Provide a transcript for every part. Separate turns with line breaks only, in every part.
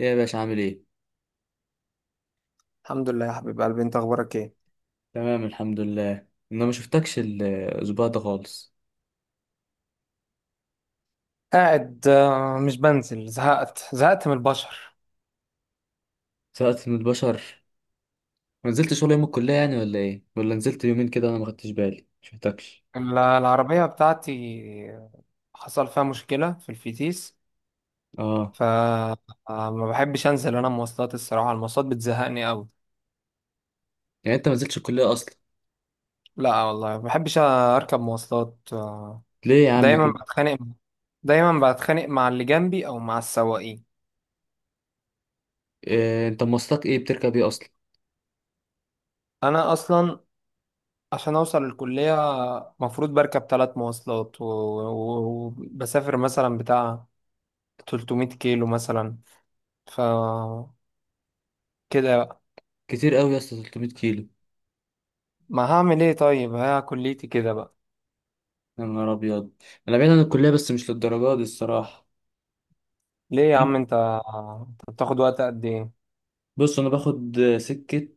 ايه يا باشا عامل ايه؟
الحمد لله يا حبيب قلبي، انت اخبارك ايه؟
تمام الحمد لله. انا ما شفتكش الاسبوع ده خالص،
قاعد، مش بنزل. زهقت من البشر.
سقطت من البشر. ما نزلتش ولا يوم الكلية يعني ولا ايه؟ ولا نزلت يومين كده، انا ما خدتش بالي ما شفتكش
العربية بتاعتي حصل فيها مشكلة في الفتيس،
اه.
فما بحبش انزل. انا مواصلات، الصراحة المواصلات بتزهقني قوي.
يعني انت ما نزلتش الكلية اصلا؟
لا والله، ما بحبش اركب مواصلات.
ليه يا عم
دايما
كده؟
بتخانق، دايما بتخانق مع اللي جنبي او مع السواقين.
إيه انت مواصلات ايه بتركب ايه اصلا؟
انا اصلا عشان اوصل الكلية مفروض بركب ثلاث مواصلات وبسافر مثلا بتاع 300 كيلو مثلا. ف كده بقى،
كتير قوي يا اسطى، 300 كيلو.
ما هعمل ايه؟ طيب ها، كليتي كده بقى.
يا نهار ابيض. انا بعيد عن الكلية بس مش للدرجة دي الصراحة.
ليه يا عم؟ انت انت بتاخد وقت قد ايه؟
بص انا باخد سكة،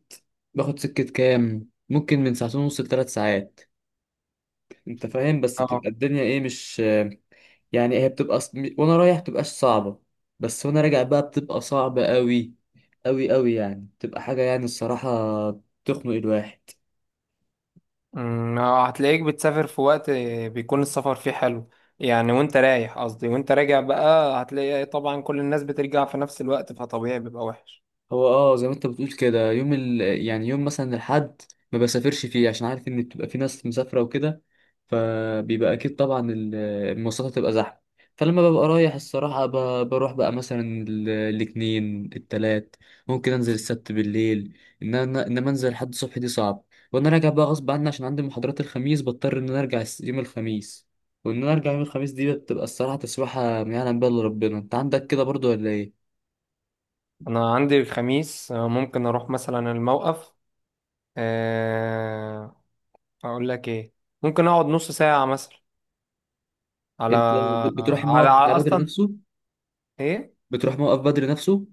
باخد سكة كام؟ ممكن من ساعتين ونص لثلاث ساعات. انت فاهم، بس
اه.
بتبقى الدنيا ايه، مش، يعني هي بتبقى وانا رايح بتبقاش صعبة، بس وانا راجع بقى بتبقى صعبة قوي، قوي قوي يعني، بتبقى حاجة يعني الصراحة تخنق الواحد.
هتلاقيك بتسافر في وقت بيكون السفر فيه حلو، يعني وانت رايح، قصدي وانت راجع بقى هتلاقي طبعا كل الناس بترجع في نفس الوقت، فطبيعي بيبقى وحش.
هو اه زي ما انت بتقول كده يوم يعني يوم مثلا الحد ما بسافرش فيه عشان عارف ان بتبقى في ناس مسافره وكده، فبيبقى اكيد طبعا المواصلات هتبقى زحمه. فلما ببقى رايح الصراحه بروح بقى مثلا الاثنين التلات، ممكن انزل السبت بالليل. ان انا انما انزل لحد الصبح دي صعب. وانا راجع بقى غصب عني عشان عندي محاضرات الخميس، بضطر ان انا ارجع يوم الخميس. وان انا ارجع يوم الخميس دي بتبقى الصراحه تسويحه ما يعلم بها الا ربنا. انت عندك كده برضو ولا ايه؟
انا عندي الخميس. ممكن اروح مثلا الموقف. آه، اقول لك ايه، ممكن اقعد نص ساعة مثلا على
انت بتروح الموقف بتاع بدر
اصلا.
نفسه؟
ايه،
بتروح موقف بدر نفسه؟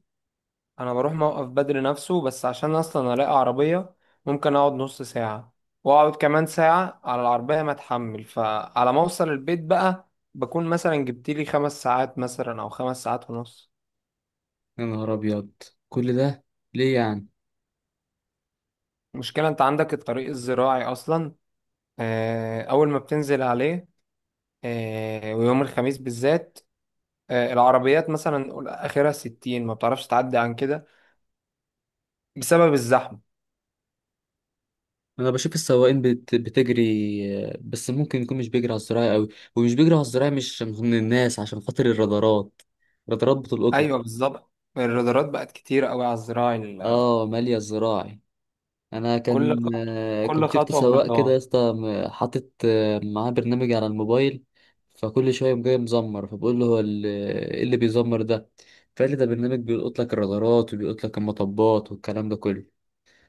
انا بروح موقف بدري نفسه بس عشان اصلا الاقي عربية. ممكن اقعد نص ساعة، واقعد كمان ساعة على العربية ما اتحمل. فعلى ما اوصل البيت بقى بكون مثلا جبت لي خمس ساعات مثلا او خمس ساعات ونص.
يا نهار ابيض، كل ده ليه يعني؟
المشكلة، انت عندك الطريق الزراعي اصلا. اول ما بتنزل عليه، ويوم الخميس بالذات العربيات مثلا نقول اخرها ستين، ما بتعرفش تعدي عن كده بسبب الزحمة.
انا بشوف السواقين بتجري، بس ممكن يكون مش بيجري على الزراعي قوي. ومش بيجري على الزراعي مش من الناس عشان خاطر الرادارات، الرادارات بتلقطه.
ايوه بالظبط، الرادارات بقت كتير قوي على الزراعي.
اه، ماليه الزراعي. انا
كل
كان
خطوة، كل
كنت شفت
خطوة
سواق كده يا
برضاه.
اسطى حاطط معاه برنامج على الموبايل، فكل شويه يقوم جاي مزمر، فبقول له هو ايه اللي بيزمر ده؟ فقال لي ده برنامج بيلقط لك الرادارات وبيلقط لك المطبات والكلام ده كله.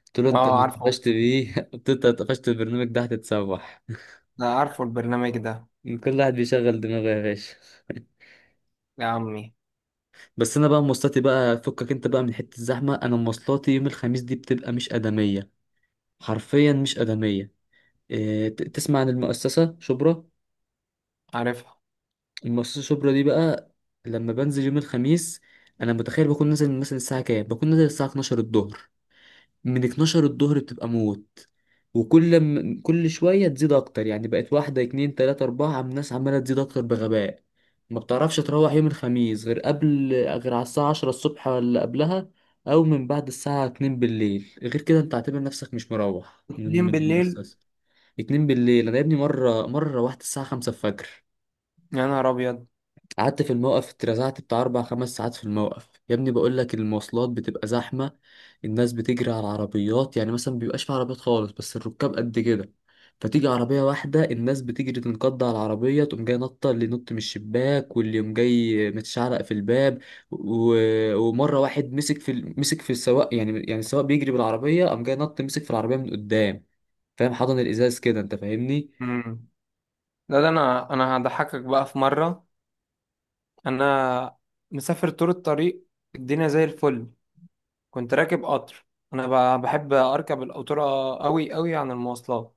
قلت له انت
اه
اللي
عارفه،
اتقفشت بيه، قلت له انت اللي اتقفشت، البرنامج ده هتتسوح.
انا عارفه البرنامج ده.
كل واحد بيشغل دماغه يا باشا.
يا عمي.
بس انا بقى مواصلاتي بقى، فكك انت بقى من حته الزحمه، انا مواصلاتي يوم الخميس دي بتبقى مش ادميه، حرفيا مش ادميه. إيه، تسمع عن المؤسسه شبرا؟
عارفها.
المصاصة الشبرا دي بقى، لما بنزل يوم الخميس انا متخيل بكون نازل مثلا الساعة كام، بكون نازل الساعة 12 الظهر. من 12 الظهر بتبقى موت، وكل كل شوية تزيد اكتر، يعني بقت واحدة اتنين تلاتة اربعة، عم الناس عمالة تزيد اكتر بغباء. ما بتعرفش تروح يوم الخميس غير قبل، غير على الساعة 10 الصبح ولا قبلها، او من بعد الساعة 2 بالليل. غير كده انت اعتبر نفسك مش مروح من
اتنين بالليل.
المؤسسة. 2 بالليل! انا يا ابني، مرة مرة روحت الساعة 5 الفجر،
يا نهار ابيض.
قعدت في الموقف اترزعت بتاع أربع خمس ساعات في الموقف. يا ابني بقول لك المواصلات بتبقى زحمة، الناس بتجري على العربيات، يعني مثلا مبيبقاش في عربيات خالص بس الركاب قد كده. فتيجي عربية واحدة الناس بتجري تنقض على العربية، تقوم جاي نطة اللي ينط من الشباك واللي يقوم جاي متشعلق في الباب. و... ومرة واحد مسك في مسك في السواق، يعني السواق بيجري بالعربية قام جاي نط مسك في العربية من قدام، فاهم، حضن الإزاز كده، أنت فاهمني.
امم لا، ده انا انا هضحكك بقى في مرة. انا مسافر طول الطريق، الدنيا زي الفل. كنت راكب قطر. انا بحب اركب القطورة قوي قوي عن المواصلات.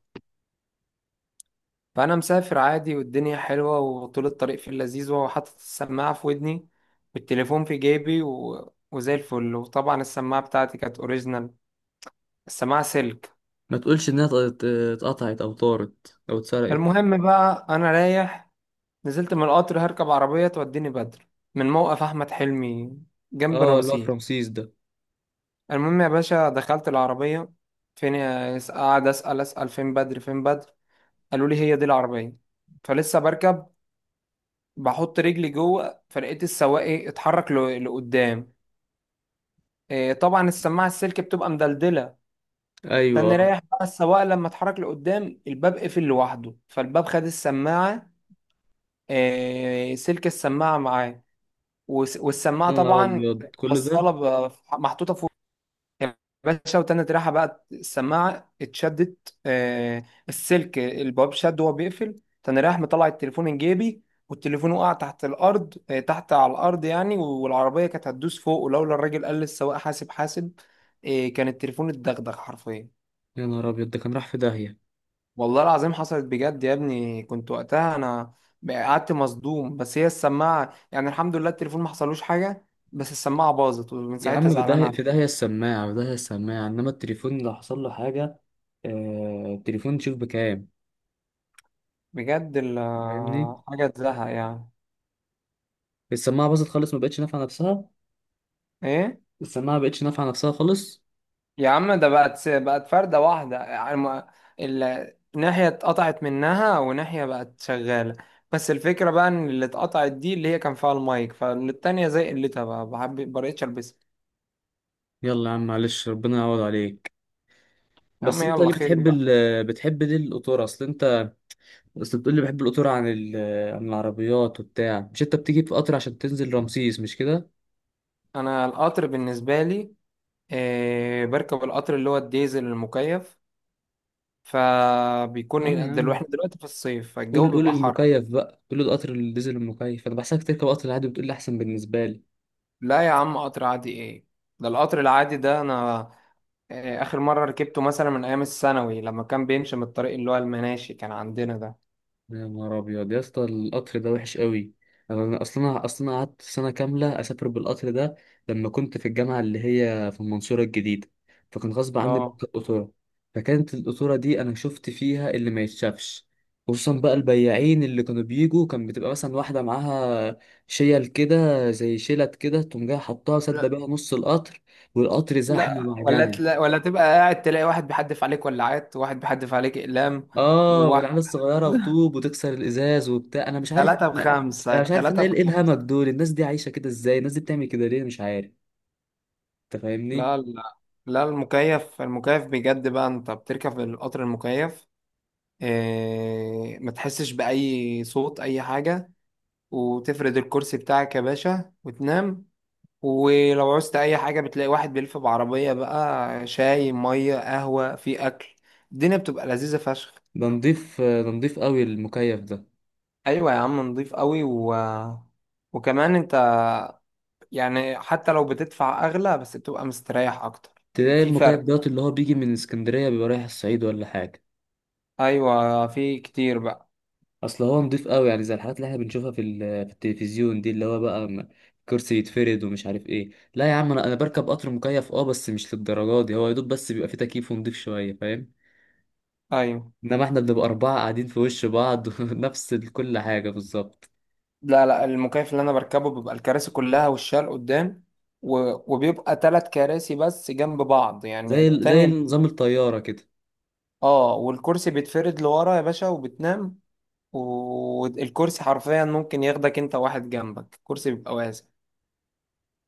فانا مسافر عادي والدنيا حلوة وطول الطريق في اللذيذ، وحاطط السماعة في ودني والتليفون في جيبي وزي الفل. وطبعا السماعة بتاعتي كانت اوريجينال، السماعة سلك.
ما تقولش إنها اتقطعت أو طارت أو اتسرقت.
المهم بقى، أنا رايح نزلت من القطر، هركب عربية توديني بدر من موقف أحمد حلمي جنب
اه، اللي هو في
رمسيس.
رمسيس ده.
المهم يا باشا، دخلت العربية، فين قاعد أسأل أسأل فين بدر، فين بدر. قالوا لي هي دي العربية. فلسه بركب، بحط رجلي جوه، فلقيت السواق إيه، اتحرك لقدام. إيه، طبعا السماعة السلك بتبقى مدلدلة.
ايوه
تاني
آه.
رايح بقى السواق لما اتحرك لقدام الباب قفل لوحده، فالباب خد السماعة. سلك السماعة معاه. والسماعة
يا نهار
طبعا
ابيض، كل ده.
موصلة، محطوطة فوق يا باشا. وتاني ريحة بقى السماعة اتشدت. السلك الباب شد وهو بيقفل. تاني رايح مطلع التليفون من جيبي، والتليفون وقع تحت الأرض. تحت على الأرض يعني، والعربية كانت هتدوس فوق. ولولا الراجل قال للسواق حاسب، حاسب، كان التليفون اتدغدغ حرفيا.
يا نهار ابيض، ده كان راح في داهيه.
والله العظيم حصلت بجد يا ابني، كنت وقتها انا قعدت مصدوم. بس هي السماعه يعني، الحمد لله التليفون ما حصلوش حاجه، بس السماعه باظت ومن
يا
ساعتها
عم في
زعلان
داهيه، في
عليهم
داهيه السماعه، في داهيه السماعه، انما التليفون لو حصل له حاجه. آه، التليفون تشوف بكام،
بجد.
فاهمني.
حاجه تزهق يعني.
السماعه باظت خالص، ما بقتش نافعه نفسها.
ايه.
السماعه ما بقتش نافعه نفسها خالص.
يا عم ده بقت فرده واحده يعني، ناحيه اتقطعت منها وناحيه بقت شغاله. بس الفكره بقى ان اللي اتقطعت دي اللي هي كان فيها المايك، فالتانيه زي قلتها بقى ما بقتش البسها.
يلا يا عم معلش، ربنا يعوض عليك.
يا عم
بس انت
يلا
ليه
خير
بتحب
بقى.
ال بتحب ليه القطور؟ اصل انت، اصل بتقول لي بحب القطور عن عن العربيات وبتاع، مش انت بتيجي في قطر عشان تنزل رمسيس، مش كده؟
انا القطر بالنسبه لي، بركب القطر اللي هو الديزل المكيف،
اه يا
فبيكون دلوقتي
عم،
احنا دلوقتي في الصيف فالجو
قول قول
بيبقى حر.
المكيف بقى، قول القطر الديزل المكيف. انا بحسك تركب قطر العادي، بتقول لي احسن بالنسبه لي.
لا يا عم، قطر عادي ايه؟ ده القطر العادي ده انا اخر مرة ركبته مثلا من ايام الثانوي، لما كان بيمشي من الطريق اللي هو المناشي كان عندنا ده.
يا نهار ابيض يا اسطى، القطر ده وحش قوي. انا اصلا اصلا قعدت سنه كامله اسافر بالقطر ده لما كنت في الجامعه اللي هي في المنصوره الجديده، فكان غصب عني
اه.
بركب قطوره. فكانت القطوره دي انا شفت فيها اللي ما يتشافش. خصوصا بقى البياعين اللي كانوا بيجوا، كان بتبقى مثلا واحده معاها شيل كده، زي شيلت كده، تقوم جايه حطها سد
لا،
بيها نص القطر، والقطر زحمه
لا ولا
معجنه.
تلا، ولا تبقى قاعد تلاقي واحد بيحدف عليك ولاعات، وواحد بيحدف عليك اقلام،
اه،
وواحد
والعيال الصغيره وطوب وتكسر الازاز وبتاع، انا مش عارف
ثلاثة
انا
بخمسة،
مش عارف انا
ثلاثة
ايه، إيه الهمج
بخمسة.
دول؟ الناس دي عايشه كده ازاي؟ الناس دي بتعمل كده ليه؟ مش عارف. انت فاهمني.
لا، لا لا، المكيف المكيف بجد بقى. انت بتركب القطر المكيف، ما تحسش بأي صوت، أي حاجة. وتفرد الكرسي بتاعك يا باشا وتنام. ولو عوزت أي حاجة بتلاقي واحد بيلف بعربية بقى، شاي، مية، قهوة، في أكل. الدنيا بتبقى لذيذة فشخ.
ده نضيف قوي المكيف ده.
أيوة يا عم، نضيف قوي وكمان أنت يعني، حتى لو بتدفع أغلى بس بتبقى مستريح أكتر.
تلاقي
في
المكيف
فرق.
دوت اللي هو بيجي من اسكندريه بيبقى رايح الصعيد ولا حاجه،
أيوة في كتير بقى.
اصل هو نضيف قوي يعني، زي الحاجات اللي احنا بنشوفها في في التلفزيون دي، اللي هو بقى كرسي يتفرد ومش عارف ايه. لا يا عم انا بركب قطر مكيف اه، بس مش للدرجه دي. هو يا دوب بس بيبقى فيه تكييف ونضيف شويه، فاهم.
أيوة.
انما احنا بنبقى اربعة قاعدين في وش بعض. نفس كل حاجة بالظبط،
لا، لا، المكيف اللي انا بركبه بيبقى الكراسي كلها والشال قدام، و... وبيبقى ثلاث كراسي بس جنب بعض يعني
زي زي
التاني.
نظام الطيارة كده.
اه، والكرسي بيتفرد لورا يا باشا، وبتنام. والكرسي حرفيا ممكن ياخدك انت واحد جنبك، الكرسي بيبقى واسع.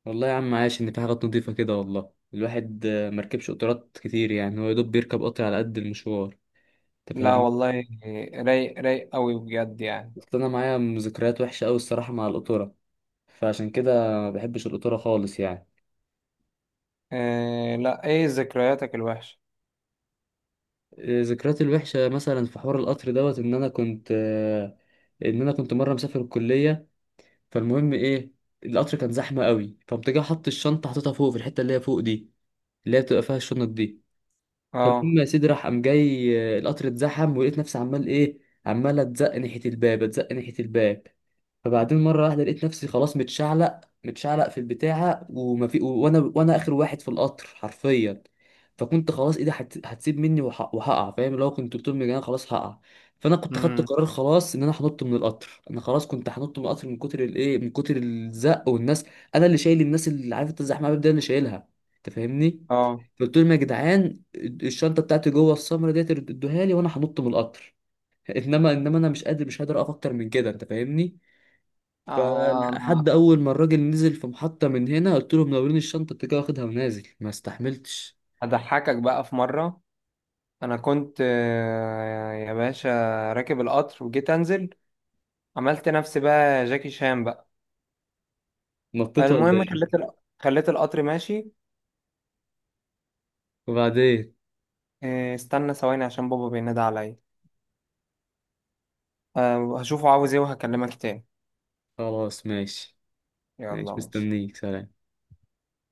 والله يا عم عاش، ان في حاجات نضيفة كده. والله الواحد مركبش قطارات كتير، يعني هو يا دوب بيركب قطر على قد المشوار، انت
لا
فاهمني.
والله، رايق رايق قوي بجد يعني.
اصل انا معايا ذكريات وحشة قوي الصراحة مع القطورة، فعشان كده ما بحبش القطورة خالص يعني.
إيه؟ لا، ايه ذكرياتك الوحشة؟
ذكرياتي الوحشة مثلا في حوار القطر دوت، ان انا كنت مرة مسافر الكلية. فالمهم ايه، القطر كان زحمة قوي فقمت جاي حط الشنطة، حطيتها فوق في الحتة اللي هي فوق دي، اللي هي بتبقى فيها الشنط دي.
اه.
فالمهم يا سيدي راح قام جاي القطر اتزحم، ولقيت نفسي عمال ايه، عمال اتزق ناحيه الباب اتزق ناحيه الباب. فبعدين مره واحده لقيت نفسي خلاص متشعلق متشعلق في البتاعه، وما في وانا اخر واحد في القطر حرفيا. فكنت خلاص ايدي هتسيب مني وهقع، فاهم. لو كنت طول من انا خلاص هقع. فانا كنت خدت
امم.
قرار خلاص ان انا هنط من القطر، انا خلاص كنت هنط من القطر من كتر الايه، من كتر الزق والناس. انا اللي شايل الناس، اللي عارف انت الزحمه ده اللي شايلها، انت فاهمني.
اه.
قلت لهم يا جدعان الشنطه بتاعتي جوه السمره ديت، ادوها لي وانا هنط من القطر، انما انا مش قادر مش قادر اقف اكتر من كده، انت فاهمني. فلحد
انا
اول ما الراجل نزل في محطة من هنا، قلت له منورين، الشنطة انت كده واخدها ونازل، ما استحملتش.
هضحكك بقى في مرة. انا كنت يا باشا راكب القطر وجيت انزل، عملت نفسي بقى جاكي شان بقى.
نطيت ولا
المهم
ايه؟
خليت القطر ماشي.
وبعدين.
استنى ثواني عشان بابا بينادي عليا. هشوفه عاوز ايه وهكلمك تاني.
خلاص ماشي. ماشي
يلا ماشي.
مستنيك، سلام.